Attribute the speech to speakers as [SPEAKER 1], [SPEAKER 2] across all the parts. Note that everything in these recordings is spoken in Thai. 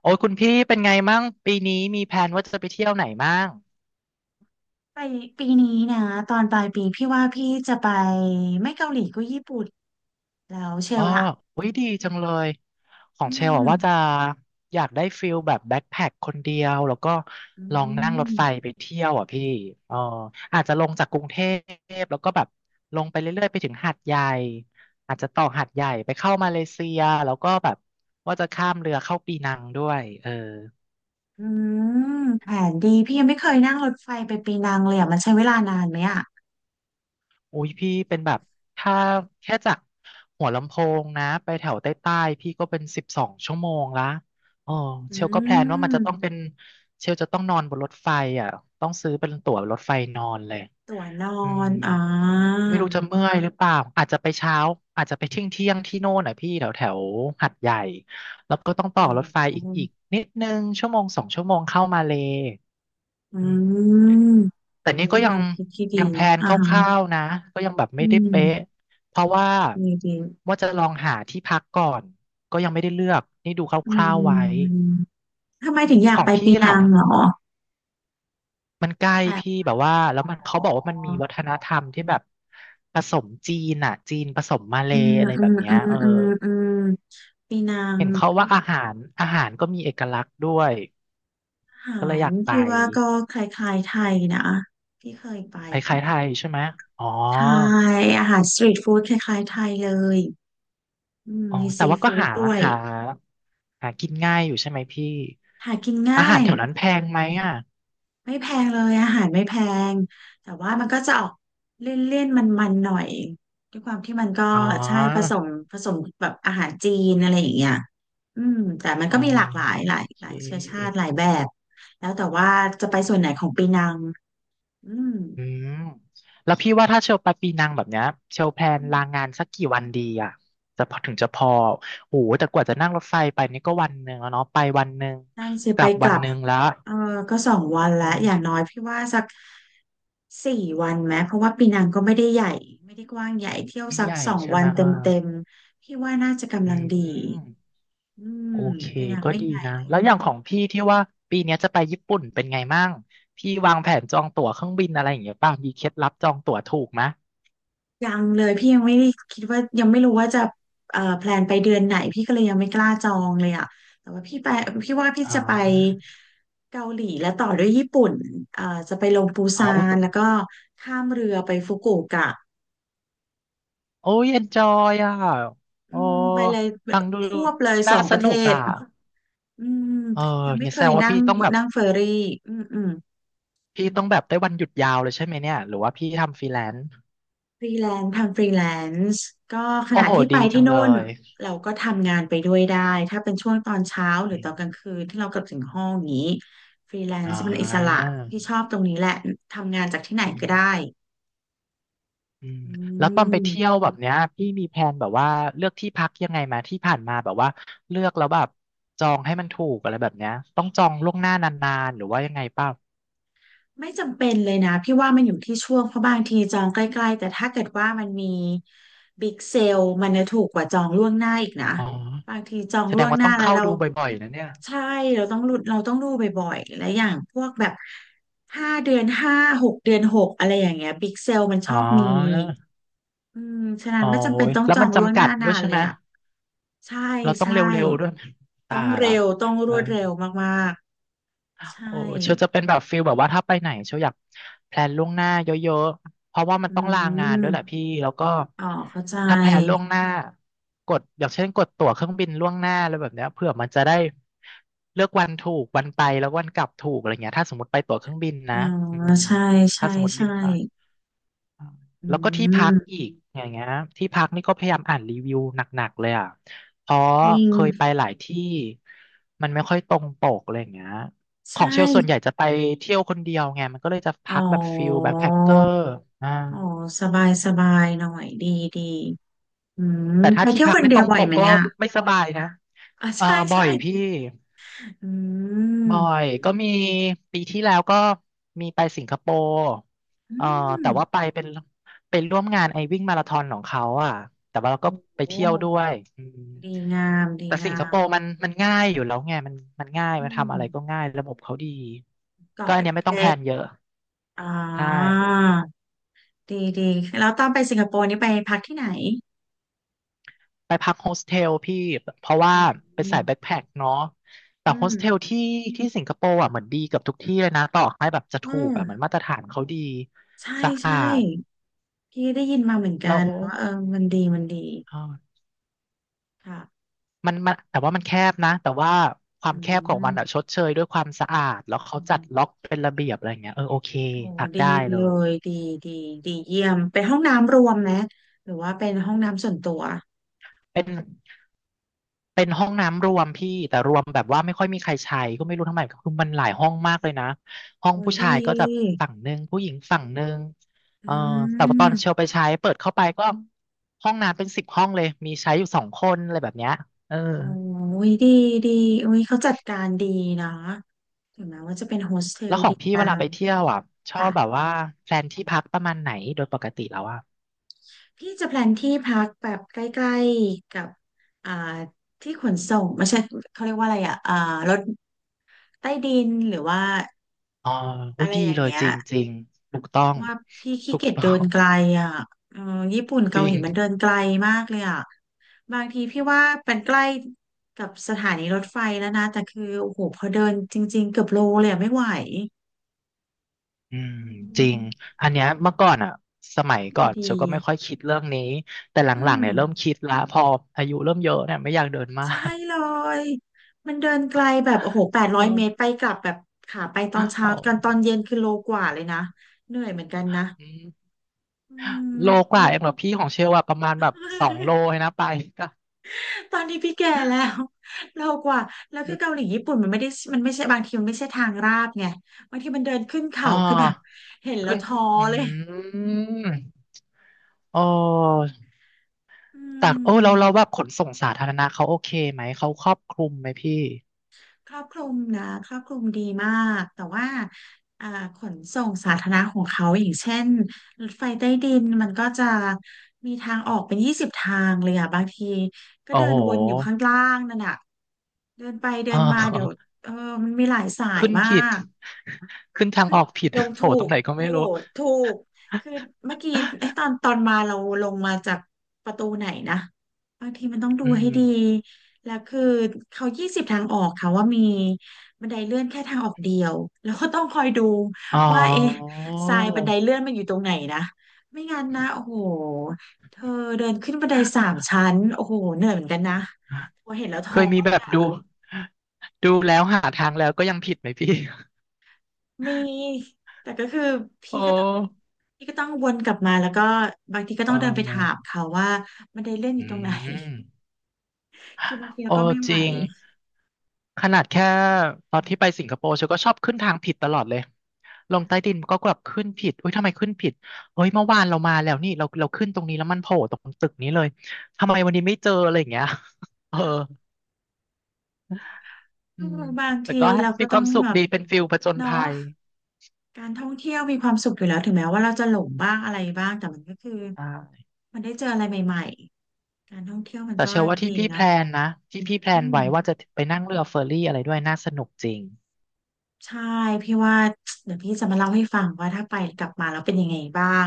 [SPEAKER 1] โอ้ยคุณพี่เป็นไงมั่งปีนี้มีแผนว่าจะไปเที่ยวไหนมั่ง
[SPEAKER 2] ไปปีนี้นะตอนปลายปีพี่ว่าพี่จะไปไม่เกาหลีก็ญี่ปุ่นแล้วเช
[SPEAKER 1] อ๋อ
[SPEAKER 2] ลล่ะ
[SPEAKER 1] อุ้ยดีจังเลยขอ
[SPEAKER 2] อื
[SPEAKER 1] งเชลอะว่าจะ
[SPEAKER 2] ม
[SPEAKER 1] อยากได้ฟิลแบบแบ็คแพ็คคนเดียวแล้วก็
[SPEAKER 2] อื
[SPEAKER 1] ลองนั่งรถไฟ
[SPEAKER 2] ม
[SPEAKER 1] ไปเที่ยวอ่ะพี่เอออาจจะลงจากกรุงเทพแล้วก็แบบลงไปเรื่อยๆไปถึงหาดใหญ่อาจจะต่อหาดใหญ่ไปเข้ามาเลเซียแล้วก็แบบว่าจะข้ามเรือเข้าปีนังด้วยเออ
[SPEAKER 2] อืมแผนดีพี่ยังไม่เคยนั่งรถไฟไปปีนังเลยอ่ะมันใช้เวลานานไหมอ่ะ
[SPEAKER 1] อุ้ยพี่เป็นแบบถ้าแค่จากหัวลำโพงนะไปแถวใต้ๆพี่ก็เป็น12 ชั่วโมงละอ๋อ
[SPEAKER 2] อื
[SPEAKER 1] เชลก็แพลนว่ามันจะต้องเป็
[SPEAKER 2] ม
[SPEAKER 1] นเชลจะต้องนอนบนรถไฟอ่ะต้องซื้อเป็นตั๋วรถไฟนอนเลย
[SPEAKER 2] ตั๋วนอ
[SPEAKER 1] อืม
[SPEAKER 2] นอ๋อ
[SPEAKER 1] ไม่รู้จะเมื่อยหรือเปล่าอาจจะไปเช้าอาจจะไปเที่ยงเที่ยงที่โน่นอ่ะพี่แถวแถวหัดใหญ่แล้วก็ต้องต่
[SPEAKER 2] อ๋
[SPEAKER 1] อ
[SPEAKER 2] อ
[SPEAKER 1] รถไฟอีกนิดนึงชั่วโมงสองชั่วโมงเข้ามาเลย์
[SPEAKER 2] อื
[SPEAKER 1] อืม
[SPEAKER 2] ม
[SPEAKER 1] แต่นี่
[SPEAKER 2] มี
[SPEAKER 1] ก็
[SPEAKER 2] ค
[SPEAKER 1] ยั
[SPEAKER 2] วา
[SPEAKER 1] ง
[SPEAKER 2] มคิดที่ดี
[SPEAKER 1] ยังแพลน
[SPEAKER 2] อ่า
[SPEAKER 1] คร่า
[SPEAKER 2] ฮะ
[SPEAKER 1] วๆนะก็ยังแบบ
[SPEAKER 2] อื
[SPEAKER 1] ไม่ได้เป๊ะ
[SPEAKER 2] ม
[SPEAKER 1] เพราะว่า
[SPEAKER 2] ดีดี
[SPEAKER 1] ว่าจะลองหาที่พักก่อนก็ยังไม่ได้เลือกนี่ดู
[SPEAKER 2] อื
[SPEAKER 1] คร่าวๆไว้
[SPEAKER 2] มทำไมถึงอยา
[SPEAKER 1] ข
[SPEAKER 2] ก
[SPEAKER 1] อง
[SPEAKER 2] ไป
[SPEAKER 1] พี่
[SPEAKER 2] ปีนั
[SPEAKER 1] ล่ะ
[SPEAKER 2] งเหรอ
[SPEAKER 1] มันใกล้
[SPEAKER 2] แอบ
[SPEAKER 1] พี่แบบว่าแล้วมัน
[SPEAKER 2] อ๋อ
[SPEAKER 1] เขาบอกว่ามันมีวัฒนธรรมที่แบบผสมจีนอ่ะจีนผสมมาเล
[SPEAKER 2] อืม
[SPEAKER 1] ย์อะไร
[SPEAKER 2] อื
[SPEAKER 1] แบ
[SPEAKER 2] ม
[SPEAKER 1] บเนี้
[SPEAKER 2] อื
[SPEAKER 1] ย
[SPEAKER 2] ม
[SPEAKER 1] เออ
[SPEAKER 2] อืมอืมปีนัง
[SPEAKER 1] เห็นเขาว่าอาหารก็มีเอกลักษณ์ด้วย
[SPEAKER 2] อาห
[SPEAKER 1] ก็เล
[SPEAKER 2] า
[SPEAKER 1] ยอ
[SPEAKER 2] ร
[SPEAKER 1] ยากไป
[SPEAKER 2] ที่ว่าก็คล้ายๆไทยนะที่เคยไป
[SPEAKER 1] คล้ายๆไทยใช่ไหมอ๋อ
[SPEAKER 2] ไทยอาหารสตรีทฟู้ดคล้ายๆไทยเลยอืม
[SPEAKER 1] อ๋อ
[SPEAKER 2] มี
[SPEAKER 1] แต่
[SPEAKER 2] ซี
[SPEAKER 1] ว่าก็
[SPEAKER 2] ฟู้ดด้วย
[SPEAKER 1] หาหากินง่ายอยู่ใช่ไหมพี่
[SPEAKER 2] หากิน
[SPEAKER 1] อา
[SPEAKER 2] ง่า
[SPEAKER 1] หาร
[SPEAKER 2] ย
[SPEAKER 1] แถวนั้นแพงไหมอ่ะ
[SPEAKER 2] ไม่แพงเลยอาหารไม่แพงแต่ว่ามันก็จะออกเลี่ยนๆมันๆหน่อยด้วยความที่มันก็
[SPEAKER 1] อ๋อ
[SPEAKER 2] ใช่ผสมผสมแบบอาหารจีนอะไรอย่างเงี้ยอืมแต่มัน
[SPEAKER 1] อ๋
[SPEAKER 2] ก็
[SPEAKER 1] อ
[SPEAKER 2] มีหลากหลายหลาย
[SPEAKER 1] โอ
[SPEAKER 2] ห
[SPEAKER 1] เ
[SPEAKER 2] ลายเชื้อชาติ
[SPEAKER 1] ค
[SPEAKER 2] หลายแบบแล้วแต่ว่าจะไปส่วนไหนของปีนังอืม
[SPEAKER 1] อืมแล้วพี่ว่าถ้าเชลไปปีนังแบบเนี้ยเชลแพลน
[SPEAKER 2] อืม
[SPEAKER 1] ลางานสักกี่วันดีอ่ะจะพอโอ้โหแต่กว่าจะนั่งรถไฟไปนี่ก็วันหนึ่งแล้วเนาะไปวันหนึ่ง
[SPEAKER 2] นั่นสิ
[SPEAKER 1] ก
[SPEAKER 2] ไป
[SPEAKER 1] ลับ
[SPEAKER 2] ก
[SPEAKER 1] วัน
[SPEAKER 2] ลับ
[SPEAKER 1] หนึ่งแล้ว
[SPEAKER 2] เออก็สองวันแล้ว
[SPEAKER 1] โอ้
[SPEAKER 2] อย่างน้อยพี่ว่าสัก4 วันไหมเพราะว่าปีนังก็ไม่ได้ใหญ่ไม่ได้กว้างใหญ่เที่ยว
[SPEAKER 1] ไม่
[SPEAKER 2] สั
[SPEAKER 1] ให
[SPEAKER 2] ก
[SPEAKER 1] ญ่
[SPEAKER 2] สอง
[SPEAKER 1] ใช่
[SPEAKER 2] วั
[SPEAKER 1] ไหม
[SPEAKER 2] น
[SPEAKER 1] เออ
[SPEAKER 2] เต็มๆพี่ว่าน่าจะ
[SPEAKER 1] อื
[SPEAKER 2] กำลัง
[SPEAKER 1] ม
[SPEAKER 2] ดี อืม
[SPEAKER 1] โอเค
[SPEAKER 2] เป็นยัง
[SPEAKER 1] ก็
[SPEAKER 2] ไม่
[SPEAKER 1] ดี
[SPEAKER 2] ไง
[SPEAKER 1] นะแล้วอย่างของพี่ที่ว่าปีเนี้ยจะไปญี่ปุ่นเป็นไงมั่งพี่วางแผนจองตั๋วเครื่องบินอะไรอย่างเงี้ยป่ะมีเคล็ดลับจองตั๋วถูกไหม
[SPEAKER 2] ยังเลยพี่ยังไม่ได้คิดว่ายังไม่รู้ว่าจะแพลนไปเดือนไหนพี่ก็เลยยังไม่กล้าจองเลยอ่ะแต่ว่าพี่ไปพี่ว่าพี่
[SPEAKER 1] อ๋อ
[SPEAKER 2] จะไปเกาหลีแล้วต่อด้วยญี่ปุ่นเอ่อจะไปลงปู
[SPEAKER 1] อ๋อ
[SPEAKER 2] ซา
[SPEAKER 1] อุ๊ย
[SPEAKER 2] นแล้วก็ข้ามเรือไปฟุกุโอกะ
[SPEAKER 1] โอ้ยเอนจอยอ่ะ
[SPEAKER 2] อื
[SPEAKER 1] โอ้
[SPEAKER 2] มไปเลย
[SPEAKER 1] ฟังดู
[SPEAKER 2] ควบเลยส
[SPEAKER 1] น่า
[SPEAKER 2] องป
[SPEAKER 1] ส
[SPEAKER 2] ระเท
[SPEAKER 1] นุก
[SPEAKER 2] ศ
[SPEAKER 1] อ่ะ
[SPEAKER 2] อืม
[SPEAKER 1] เออ
[SPEAKER 2] ยังไม่
[SPEAKER 1] เนี่ย
[SPEAKER 2] เค
[SPEAKER 1] แสด
[SPEAKER 2] ย
[SPEAKER 1] งว่า
[SPEAKER 2] นั่งนั่งเฟอร์รี่อืมอืม
[SPEAKER 1] พี่ต้องแบบได้วันหยุดยาวเลยใช่ไหมเนี่ยหรือว่าพี่ทำฟรีแลนซ์
[SPEAKER 2] ฟรีแลนซ์ทำฟรีแลนซ์ก็ข
[SPEAKER 1] โอ้
[SPEAKER 2] ณะ
[SPEAKER 1] โห
[SPEAKER 2] ที่ไป
[SPEAKER 1] ดีจั
[SPEAKER 2] ที่
[SPEAKER 1] ง
[SPEAKER 2] โน่
[SPEAKER 1] เล
[SPEAKER 2] น
[SPEAKER 1] ย
[SPEAKER 2] เราก็ทำงานไปด้วยได้ถ้าเป็นช่วงตอนเช้าหรือ
[SPEAKER 1] อ
[SPEAKER 2] ตอ
[SPEAKER 1] ม
[SPEAKER 2] นกลางคืนที่เรากลับถึงห้องอย่างนี้ฟรีแลน
[SPEAKER 1] อ๋
[SPEAKER 2] ซ์มันอิสระ
[SPEAKER 1] อ
[SPEAKER 2] ที่ชอบตรงนี้แหละทำงานจากที่ไหน
[SPEAKER 1] อืม
[SPEAKER 2] ก็ได้
[SPEAKER 1] อืม
[SPEAKER 2] อื
[SPEAKER 1] แล้วตอนไปเที่ย
[SPEAKER 2] ม
[SPEAKER 1] วแบบเนี้ยพี่มีแผนแบบว่าเลือกที่พักยังไงมาที่ผ่านมาแบบว่าเลือกแล้วแบบจองให้มันถูกอะไรแบบเนี้ยต้องจองล่วงหน้านานๆหรือว่ายังไงเปล่า
[SPEAKER 2] ไม่จำเป็นเลยนะพี่ว่ามันอยู่ที่ช่วงเพราะบางทีจองใกล้ๆแต่ถ้าเกิดว่ามันมีบิ๊กเซลมันจะถูกกว่าจองล่วงหน้าอีกนะ
[SPEAKER 1] อ๋อ
[SPEAKER 2] บางทีจอง
[SPEAKER 1] แสด
[SPEAKER 2] ล่ว
[SPEAKER 1] ง
[SPEAKER 2] ง
[SPEAKER 1] ว่า
[SPEAKER 2] ห
[SPEAKER 1] ต้
[SPEAKER 2] น้า
[SPEAKER 1] อง
[SPEAKER 2] แล้ว
[SPEAKER 1] เข้า
[SPEAKER 2] เรา
[SPEAKER 1] ดูบ่อยๆนะเนี่ย
[SPEAKER 2] ใช่เราต้องรุดเราต้องดูบ่อยๆและอย่างพวกแบบห้าเดือนห้าหกเดือนหกอะไรอย่างเงี้ยบิ๊กเซลมันช
[SPEAKER 1] อ๋
[SPEAKER 2] อ
[SPEAKER 1] อ
[SPEAKER 2] บมีอืมฉะนั้
[SPEAKER 1] อ๋
[SPEAKER 2] น
[SPEAKER 1] อ
[SPEAKER 2] ไม่จำเป็นต้อง
[SPEAKER 1] แล้
[SPEAKER 2] จ
[SPEAKER 1] ว
[SPEAKER 2] อ
[SPEAKER 1] มัน
[SPEAKER 2] งล่วง
[SPEAKER 1] จำ
[SPEAKER 2] ห
[SPEAKER 1] กั
[SPEAKER 2] น้า
[SPEAKER 1] ดด้
[SPEAKER 2] นา
[SPEAKER 1] วย
[SPEAKER 2] น
[SPEAKER 1] ใช่
[SPEAKER 2] เล
[SPEAKER 1] ไห
[SPEAKER 2] ย
[SPEAKER 1] ม
[SPEAKER 2] อ่ะใช่
[SPEAKER 1] เราต้อง
[SPEAKER 2] ใช่
[SPEAKER 1] เร็วๆด้วย
[SPEAKER 2] ต้
[SPEAKER 1] ตา
[SPEAKER 2] อง
[SPEAKER 1] ยละ
[SPEAKER 2] เร็วต้องร
[SPEAKER 1] เออ
[SPEAKER 2] วดเร็วมากๆใช่
[SPEAKER 1] โอ้เชียวจะเป็นแบบฟิลแบบว่าถ้าไปไหนเชีอยากแพลนล่วงหน้าเยอะๆเพราะว่ามัน
[SPEAKER 2] อื
[SPEAKER 1] ต้องลางานด้วยแหละ
[SPEAKER 2] ม
[SPEAKER 1] พี่แล้วก็
[SPEAKER 2] อ๋อเข้าใจ
[SPEAKER 1] ถ้าแพลนล่วงหน้ากดอย่างเช่นกดตั๋วเครื่องบินล่วงหน้าอะไรแบบเนี้ยเผื่อมันจะได้เลือกวันถูกวันไปแล้ววันกลับถูกอะไรเงี้ยถ้าสมมติไปตั๋วเครื่องบิน
[SPEAKER 2] อ๋
[SPEAKER 1] นะ
[SPEAKER 2] อ
[SPEAKER 1] อืม
[SPEAKER 2] ใช่ใช่
[SPEAKER 1] ถ้าสมมติบิ
[SPEAKER 2] ใช่
[SPEAKER 1] นไป อ่า
[SPEAKER 2] อื
[SPEAKER 1] แล้วก็ที่พักอี
[SPEAKER 2] ม
[SPEAKER 1] กอย่างเงี้ยที่พักนี่ก็พยายามอ่านรีวิวหนักๆเลยอ่ะเพราะ
[SPEAKER 2] จริง
[SPEAKER 1] เคยไปหลายที่มันไม่ค่อยตรงปกอะไรอย่างเงี้ยข
[SPEAKER 2] ใช
[SPEAKER 1] องเชลส่วนใหญ่
[SPEAKER 2] ่
[SPEAKER 1] จะไปเที่ยวคนเดียวไงมันก็เลยจะ
[SPEAKER 2] อ๋อ
[SPEAKER 1] พักแบบฟิลแบ็คแพ็คเกอร์อ่า
[SPEAKER 2] อ๋อสบายสบายหน่อยดีดีอืม
[SPEAKER 1] แต่
[SPEAKER 2] ไป
[SPEAKER 1] ถ้าที่
[SPEAKER 2] เที่ยว
[SPEAKER 1] พัก
[SPEAKER 2] คน
[SPEAKER 1] ไม่
[SPEAKER 2] เดี
[SPEAKER 1] ต
[SPEAKER 2] ย
[SPEAKER 1] ร
[SPEAKER 2] ว
[SPEAKER 1] ง
[SPEAKER 2] บ่อ
[SPEAKER 1] ป
[SPEAKER 2] ย
[SPEAKER 1] ก
[SPEAKER 2] ไหม
[SPEAKER 1] ก็
[SPEAKER 2] อ่ะ
[SPEAKER 1] ไม่สบายนะ
[SPEAKER 2] อ๋อ
[SPEAKER 1] เออ
[SPEAKER 2] ใช่
[SPEAKER 1] บ่อ
[SPEAKER 2] ใช่
[SPEAKER 1] ยพี่
[SPEAKER 2] อื
[SPEAKER 1] บ่อ
[SPEAKER 2] ม
[SPEAKER 1] ยก็มีปีที่แล้วก็มีไปสิงคโปร์
[SPEAKER 2] อื
[SPEAKER 1] เอ่อ
[SPEAKER 2] ม
[SPEAKER 1] แต่ว่าไปเป็นร่วมงานไอวิ่งมาราธอนของเขาอ่ะแต่ว่าเราก็
[SPEAKER 2] โอ้
[SPEAKER 1] ไป
[SPEAKER 2] โห
[SPEAKER 1] เที่ยวด้วยอืม
[SPEAKER 2] ดีงามดี
[SPEAKER 1] แต่สิง
[SPEAKER 2] งา
[SPEAKER 1] คโป
[SPEAKER 2] ม
[SPEAKER 1] ร์มันง่ายอยู่แล้วไงมันง่าย
[SPEAKER 2] อื
[SPEAKER 1] มันทำ
[SPEAKER 2] ม
[SPEAKER 1] อะไรก็ง่ายระบบเขาดีก็
[SPEAKER 2] เกาะ
[SPEAKER 1] อัน
[SPEAKER 2] เ
[SPEAKER 1] เนี้ยไม่ต้อง
[SPEAKER 2] ล็
[SPEAKER 1] แพล
[SPEAKER 2] ก
[SPEAKER 1] นเยอะ
[SPEAKER 2] ๆอ๋อ
[SPEAKER 1] ใช่
[SPEAKER 2] ดีดีแล้วตอนไปสิงคโปร์นี่ไปพักที่ไหน
[SPEAKER 1] ไปพักโฮสเทลพี่เพราะว่า
[SPEAKER 2] อืมอ
[SPEAKER 1] เป็นสายแบ็คแพ็คเนาะแต่
[SPEAKER 2] ื
[SPEAKER 1] โฮส
[SPEAKER 2] ม
[SPEAKER 1] เทลที่สิงคโปร์อ่ะเหมือนดีเกับทุกที่เลยนะต่อให้แบบจะ
[SPEAKER 2] อื
[SPEAKER 1] ถูก
[SPEAKER 2] ม
[SPEAKER 1] อ่ะเหมือนมาตรฐานเขาดี
[SPEAKER 2] ใช่
[SPEAKER 1] สะอา
[SPEAKER 2] ใช่
[SPEAKER 1] ด
[SPEAKER 2] พี่ได้ยินมาเหมือน
[SPEAKER 1] แล้
[SPEAKER 2] กัน
[SPEAKER 1] ว
[SPEAKER 2] ว่าเออมันดีมันดี
[SPEAKER 1] เอ่า
[SPEAKER 2] ค่ะ
[SPEAKER 1] มันแต่ว่ามันแคบนะแต่ว่าควา
[SPEAKER 2] อื
[SPEAKER 1] มแคบของมันอะช
[SPEAKER 2] ม
[SPEAKER 1] ดเชยด้วยความสะอาดแล้วเขาจัดล็อกเป็นระเบียบอะไรเงี้ยเออโอเค
[SPEAKER 2] โอ้
[SPEAKER 1] พัก
[SPEAKER 2] ดี
[SPEAKER 1] ได้เล
[SPEAKER 2] เล
[SPEAKER 1] ย
[SPEAKER 2] ยดีดีดีเยี่ยมเป็นห้องน้ำรวมไหมหรือว่าเป็นห้องน้ำส่วนตัว
[SPEAKER 1] เป็นเป็นห้องน้ำรวมพี่ แต่รวมแบบว่าไม่ค่อยมีใครใช้ก็ไม่รู้ทำไมคือมันหลายห้องมากเลยนะห้อง
[SPEAKER 2] โอ้ย
[SPEAKER 1] ผู้
[SPEAKER 2] ดี
[SPEAKER 1] ชายก็จะฝั่งหนึ่งผู้หญิงฝั่งหนึ่ง
[SPEAKER 2] อื
[SPEAKER 1] เออแต่ว่าตอนเชล
[SPEAKER 2] ม
[SPEAKER 1] ไปใช้เปิดเข้าไปก็ห้องน้ำเป็น10 ห้องเลยมีใช้อยู่สองคนอะไรแบบเนี้ยเออ
[SPEAKER 2] โอ้ยดีดีโอ้ยเขาจัดการดีเนาะถึงแม้ว่าจะเป็นโฮสเท
[SPEAKER 1] แล้ว
[SPEAKER 2] ล
[SPEAKER 1] ขอ
[SPEAKER 2] ดี
[SPEAKER 1] งพี่เว
[SPEAKER 2] งา
[SPEAKER 1] ลา
[SPEAKER 2] ม
[SPEAKER 1] ไปเที่ยวอ่ะชอ
[SPEAKER 2] ค่ะ
[SPEAKER 1] บแบบว่าแพลนที่พักประมาณไหนโดยปกติแล้วอ่ะ
[SPEAKER 2] พี่จะแพลนที่พักแบบใกล้ๆกับอ่าที่ขนส่งไม่ใช่เขาเรียกว่าอะไรอ่ะรถใต้ดินหรือว่า
[SPEAKER 1] อ๋ออุ้
[SPEAKER 2] อะ
[SPEAKER 1] ย
[SPEAKER 2] ไร
[SPEAKER 1] ดี
[SPEAKER 2] อย่าง
[SPEAKER 1] เลย
[SPEAKER 2] เงี้ย
[SPEAKER 1] จริงจริงถูกต้อง
[SPEAKER 2] ว่าพี่ขี้
[SPEAKER 1] ถูก
[SPEAKER 2] เกียจ
[SPEAKER 1] ต้อ
[SPEAKER 2] เดิ
[SPEAKER 1] ง
[SPEAKER 2] นไกลอ่ะเออญี่ปุ่น
[SPEAKER 1] จ
[SPEAKER 2] เกา
[SPEAKER 1] ริ
[SPEAKER 2] หลี
[SPEAKER 1] ง
[SPEAKER 2] มันเดินไกลมากเลยอ่ะ บางทีพี่ว่ามันใกล้กับสถานีรถไฟแล้วนะแต่คือโอ้โหพอเดินจริงๆเกือบโลเลยอะไม่ไหว
[SPEAKER 1] อืม
[SPEAKER 2] อื
[SPEAKER 1] จริง
[SPEAKER 2] ม
[SPEAKER 1] อันเนี้ยเมื่อก่อนอ่ะสมัยก่อน
[SPEAKER 2] ดี
[SPEAKER 1] ฉันก็ไม่ค่อยคิดเรื่องนี้แต่ห
[SPEAKER 2] ๆอื
[SPEAKER 1] ลังๆ
[SPEAKER 2] ม
[SPEAKER 1] เนี่ยเริ่มคิดละพออายุเริ่มเยอะเนี่ยไม่อยากเดินมา
[SPEAKER 2] ใช่
[SPEAKER 1] ก
[SPEAKER 2] เลยมันเดินไกลแบบโอ้โหแปดร้อ
[SPEAKER 1] เอ
[SPEAKER 2] ย
[SPEAKER 1] อ
[SPEAKER 2] เมตรไปกลับแบบขาไปตอน เช้า
[SPEAKER 1] อ๋อ
[SPEAKER 2] กันตอนเย็นคือโลกว่าเลยนะเหนื่อยเหมือนกันนะ
[SPEAKER 1] อืม
[SPEAKER 2] อืม
[SPEAKER 1] โลกว่า
[SPEAKER 2] แล้ว
[SPEAKER 1] เองเหรอพี่ของเชลว่าประมาณแบบ2 โล เลยนะไปก็
[SPEAKER 2] ตอนนี้พี่แก่แล้ว เรากว่าแล้วคือเกาหลี ญี่ปุ่นมันไม่ได้มันไม่ใช่บางทีมันไม่ใช่ทางราบไงบางทีมันเดินขึ้น
[SPEAKER 1] อ๋
[SPEAKER 2] เขา
[SPEAKER 1] อ
[SPEAKER 2] คือแบบเห็นแล้ว
[SPEAKER 1] ขึ้น
[SPEAKER 2] ท้อ
[SPEAKER 1] อื
[SPEAKER 2] เลย
[SPEAKER 1] มโอ้
[SPEAKER 2] อื
[SPEAKER 1] ตากโอ้เรา
[SPEAKER 2] ม
[SPEAKER 1] ว่าขนส่งสาธารณะเขาโอเคไหมเขาครอบคลุมไหมพี่
[SPEAKER 2] ครอบคลุมนะครอบคลุมดีมากแต่ว่าอ่าขนส่งสาธารณะของเขาอย่างเช่นรถไฟใต้ดินมันก็จะมีทางออกเป็นยี่สิบทางเลยอะบางทีก็
[SPEAKER 1] โอ้
[SPEAKER 2] เดิ
[SPEAKER 1] โห
[SPEAKER 2] นวนอยู่ข้างล่างนั่นอะเดินไปเดิ
[SPEAKER 1] อ๋
[SPEAKER 2] นมาเดี๋ยว
[SPEAKER 1] อ
[SPEAKER 2] เออมันมีหลายสา ย
[SPEAKER 1] ขึ้น
[SPEAKER 2] มา
[SPEAKER 1] ผิด
[SPEAKER 2] ก
[SPEAKER 1] ขึ้นทาง
[SPEAKER 2] ขึ้
[SPEAKER 1] อ
[SPEAKER 2] น
[SPEAKER 1] อกผิด
[SPEAKER 2] ลง
[SPEAKER 1] โผล่
[SPEAKER 2] ถู
[SPEAKER 1] ตร
[SPEAKER 2] ก
[SPEAKER 1] งไหนก็
[SPEAKER 2] โอ้
[SPEAKER 1] ไม่
[SPEAKER 2] โห
[SPEAKER 1] รู้
[SPEAKER 2] ถูกคือเมื่อกี้ไอ้ตอนมาเราลงมาจากประตูไหนนะบางทีมันต้องดู
[SPEAKER 1] อื
[SPEAKER 2] ให้
[SPEAKER 1] ม
[SPEAKER 2] ดีแล้วคือเขา20 ทางออกค่ะว่ามีบันไดเลื่อนแค่ทางออกเดียวแล้วก็ต้องคอยดู
[SPEAKER 1] อ๋อ
[SPEAKER 2] ว่าเอ๊ะทรายบันไดเลื่อนมันอยู่ตรงไหนนะไม่งั้นนะโอ้โหเธอเดินขึ้นบันได3 ชั้นโอ้โหเหนื่อยเหมือนกันนะพอเห็นแล้วท้
[SPEAKER 1] เค
[SPEAKER 2] อ
[SPEAKER 1] ยมี
[SPEAKER 2] เล
[SPEAKER 1] แบ
[SPEAKER 2] ย
[SPEAKER 1] บ
[SPEAKER 2] อะ
[SPEAKER 1] ดูดูแล้วหาทางแล้วก็ยังผิดไหมพี่
[SPEAKER 2] มีแต่ก็คือ
[SPEAKER 1] โอ
[SPEAKER 2] พี่ก็ต้อง
[SPEAKER 1] ้
[SPEAKER 2] นี่ก็ต้องวนกลับมาแล้วก็บางทีก็
[SPEAKER 1] เ
[SPEAKER 2] ต้องเดินไปถาม
[SPEAKER 1] ออ
[SPEAKER 2] เขาว่าบันไดเลื่อนอ
[SPEAKER 1] อื
[SPEAKER 2] ยู่ตรงไหน
[SPEAKER 1] ม
[SPEAKER 2] คือบางทีเรา
[SPEAKER 1] โอ้
[SPEAKER 2] ก็ไม่ไห
[SPEAKER 1] จ
[SPEAKER 2] ว
[SPEAKER 1] ริงขนาดแค่ตอนที่ไปสิงคโปร์ฉันก็ชอบขึ้นทางผิดตลอดเลยลงใต้ดินก็แบบขึ้นผิดอุ้ยทำไมขึ้นผิดเฮ้ยเมื่อวานเรามาแล้วนี่เราขึ้นตรงนี้แล้วมันโผล่ตรงตึกนี้เลยทำไมวันนี้ไม่เจออะไรอย่างเงี้ย เอออืม
[SPEAKER 2] บาง
[SPEAKER 1] แต่
[SPEAKER 2] ที
[SPEAKER 1] ก็
[SPEAKER 2] เราก็
[SPEAKER 1] มีค
[SPEAKER 2] ต้อ
[SPEAKER 1] วา
[SPEAKER 2] ง
[SPEAKER 1] มสุ
[SPEAKER 2] แบ
[SPEAKER 1] ข
[SPEAKER 2] บ
[SPEAKER 1] ดีเป็นฟิลผจญ
[SPEAKER 2] เนาะ
[SPEAKER 1] ภัย
[SPEAKER 2] การท่องเที่ยวมีความสุขอยู่แล้วถึงแม้ว่าเราจะหลงบ้างอะไรบ้างแต่มันก็คือ
[SPEAKER 1] อ่า
[SPEAKER 2] มันได้เจออะไรใหม่ๆการท่องเที่ยวมัน
[SPEAKER 1] แต่
[SPEAKER 2] ก็
[SPEAKER 1] เชื่อว่าที่
[SPEAKER 2] ดี
[SPEAKER 1] พี่แพ
[SPEAKER 2] เนาะ
[SPEAKER 1] ลนนะที่พี่แพล
[SPEAKER 2] อื
[SPEAKER 1] น
[SPEAKER 2] ม
[SPEAKER 1] ไว้ว่าจะไปนั่งเรือเฟอร์รี่อะไรด้วยน่าสนุกจริง
[SPEAKER 2] ใช่พี่ว่าเดี๋ยวพี่จะมาเล่าให้ฟังว่าถ้าไปกลับมาแล้วเป็นยังไงบ้าง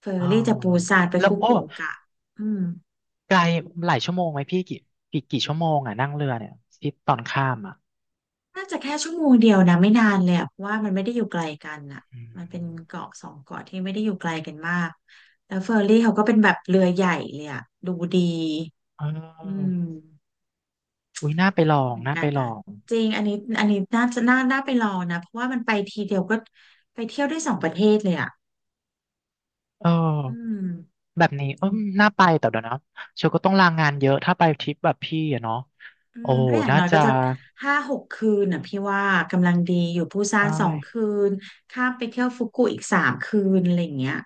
[SPEAKER 2] เฟอ
[SPEAKER 1] อ๋อ
[SPEAKER 2] ร์รี่จากปูซานไป
[SPEAKER 1] แล้ว
[SPEAKER 2] ฟุ
[SPEAKER 1] โอ้
[SPEAKER 2] กุโอกะอืม
[SPEAKER 1] ไกลหลายชั่วโมงไหมพี่กี่ชั่วโมงอ่ะนั่งเรือเนี่ยที่ตอนข้ามอ่ะ
[SPEAKER 2] น่าจะแค่ชั่วโมงเดียวนะไม่นานเลยอะเพราะว่ามันไม่ได้อยู่ไกลกันอ่ะ
[SPEAKER 1] อื
[SPEAKER 2] มันเป็น
[SPEAKER 1] ม
[SPEAKER 2] เกาะสองเกาะที่ไม่ได้อยู่ไกลกันมากแล้วเฟอร์รี่เขาก็เป็นแบบเรือใหญ่เลยอ่ะดูดี
[SPEAKER 1] เอ
[SPEAKER 2] อืม
[SPEAKER 1] ออุ้ยน่าไป
[SPEAKER 2] ก็
[SPEAKER 1] ลอ
[SPEAKER 2] ดี
[SPEAKER 1] ง
[SPEAKER 2] เหมือน
[SPEAKER 1] น่า
[SPEAKER 2] กั
[SPEAKER 1] ไป
[SPEAKER 2] น
[SPEAKER 1] ล
[SPEAKER 2] นะ
[SPEAKER 1] อง
[SPEAKER 2] จริงอันนี้อันนี้น่าจะน่าไปลองนะเพราะว่ามันไปทีเดียวก็ไปเที่ยวได้สองประเทศเลยอ่ะ
[SPEAKER 1] เอ
[SPEAKER 2] อืม
[SPEAKER 1] อแบบนี้เออน่าไปแต่เดี๋ยวนะเชลก็ต้องลางานเยอะถ้าไปทริปแบบพี่อะเนาะ
[SPEAKER 2] อื
[SPEAKER 1] โอ้
[SPEAKER 2] มก็อย่าง
[SPEAKER 1] น่า
[SPEAKER 2] น้อย
[SPEAKER 1] จะ
[SPEAKER 2] ก็จะห้าหกคืนน่ะพี่ว่ากำลังดีอยู่ปูซาน
[SPEAKER 1] อ้
[SPEAKER 2] สองคืนข้ามไปเที่ยวฟุกุอีกสามคืนอะไรอย่างเงี้ย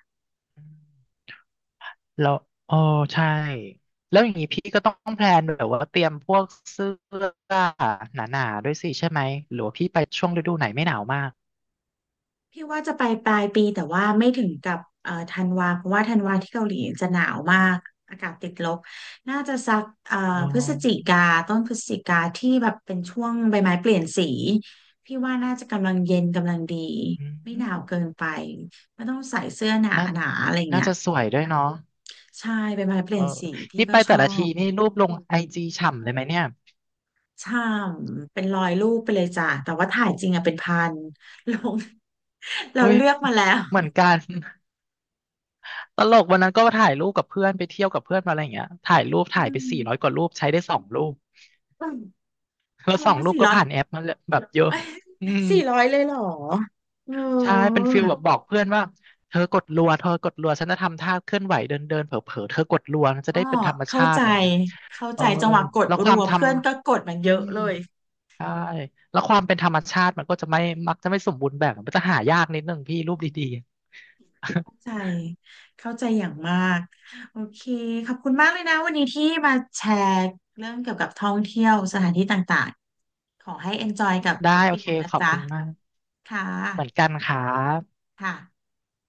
[SPEAKER 1] แล้วเออใช่แล้วอย่างนี้พี่ก็ต้องแพลนแบบว่าเตรียมพวกเสื้อหนาๆด้วยสิใช่ไหมหรือว่าพี่ไปช่วงฤดูไหนไม่หนาวมาก
[SPEAKER 2] พี่ว่าจะไปปลายปีแต่ว่าไม่ถึงกับธันวาเพราะว่าธันวาที่เกาหลีจะหนาวมากอากาศติดลบน่าจะสัก
[SPEAKER 1] อ๋อ
[SPEAKER 2] พฤศจิกาต้นพฤศจิกาที่แบบเป็นช่วงใบไม้เปลี่ยนสีพี่ว่าน่าจะกำลังเย็นกำลังดี
[SPEAKER 1] อื
[SPEAKER 2] ไม่ห
[SPEAKER 1] ม
[SPEAKER 2] นาวเกินไปไม่ต้องใส่เสื้อหนา
[SPEAKER 1] นั่น
[SPEAKER 2] หนาอะไร
[SPEAKER 1] น่า
[SPEAKER 2] เงี้ย
[SPEAKER 1] จะสวยด้วยเนาะ
[SPEAKER 2] ใช่ใบไม้เป
[SPEAKER 1] เอ
[SPEAKER 2] ลี่
[SPEAKER 1] อ
[SPEAKER 2] ยนสีพี่
[SPEAKER 1] นี่
[SPEAKER 2] ก็
[SPEAKER 1] ไป
[SPEAKER 2] ช
[SPEAKER 1] แต่
[SPEAKER 2] อ
[SPEAKER 1] ละที
[SPEAKER 2] บ
[SPEAKER 1] นี่รูปลงไอจีฉ่ำเลยไหมเนี่ย
[SPEAKER 2] ใช่เป็นร้อยรูปไปเลยจ้ะแต่ว่าถ่ายจริงอะเป็นพันลง เรา
[SPEAKER 1] อุ้ย
[SPEAKER 2] เลือกมาแล้ว
[SPEAKER 1] เหมือนกัน ตลกวันนั้นก็ถ่ายรูปกับเพื่อนไปเที่ยวกับเพื่อนมาอะไรอย่างเงี้ยถ่ายรูป
[SPEAKER 2] อื
[SPEAKER 1] ถ่ายไป400ก
[SPEAKER 2] ม
[SPEAKER 1] ว่ารูปใช้ได้สองรูปแล้
[SPEAKER 2] เธ
[SPEAKER 1] วสอ
[SPEAKER 2] อ
[SPEAKER 1] งรูป
[SPEAKER 2] สี่
[SPEAKER 1] ก็
[SPEAKER 2] ร้อย
[SPEAKER 1] ผ่านแอปมาเลยแบบเย อะ
[SPEAKER 2] เอ้ย
[SPEAKER 1] อืม
[SPEAKER 2] สี่ร้อยเลยเหรอเออ
[SPEAKER 1] ใช่เป็นฟิลแบบบอกเพื่อนว่าเธอกดรัวเธอกดรัวฉันจะทำท่าเคลื่อนไหวเดินเดินเผลอเผลอๆเธอกดรัวมันจะ
[SPEAKER 2] ก็
[SPEAKER 1] ได้เป็นธรรม
[SPEAKER 2] เข้า
[SPEAKER 1] ชาติ
[SPEAKER 2] ใจ
[SPEAKER 1] อะไรอย่างเงี้ย
[SPEAKER 2] เข้า
[SPEAKER 1] เอ
[SPEAKER 2] ใจ
[SPEAKER 1] อ
[SPEAKER 2] จังหวะกด
[SPEAKER 1] แล้วค
[SPEAKER 2] รั
[SPEAKER 1] วาม
[SPEAKER 2] ว
[SPEAKER 1] ท
[SPEAKER 2] เพื่อนก็กดมัน
[SPEAKER 1] ำอื
[SPEAKER 2] เยอะ
[SPEAKER 1] ม
[SPEAKER 2] เลย
[SPEAKER 1] ใช่แล้วความเป็นธรรมชาติมันก็จะไม่มักจะไม่สมบูรณ์แบบมันจะหายากนิดนึงพี่รูปดี
[SPEAKER 2] เข้าใจเข้าใจอย่างมากโอเคขอบคุณมากเลยนะวันนี้ที่มาแชร์เรื่องเกี่ยวกับท่องเที่ยวสถานที่ต่างๆ ขอให้ enjoy กับ
[SPEAKER 1] ๆ ได้
[SPEAKER 2] ทริป
[SPEAKER 1] โอ
[SPEAKER 2] ปี
[SPEAKER 1] เค
[SPEAKER 2] หนังนะ
[SPEAKER 1] ขอบ
[SPEAKER 2] จ๊ะ
[SPEAKER 1] คุณมาก
[SPEAKER 2] ค่
[SPEAKER 1] เหมือนกั
[SPEAKER 2] ะ
[SPEAKER 1] นครับ
[SPEAKER 2] ค่ะ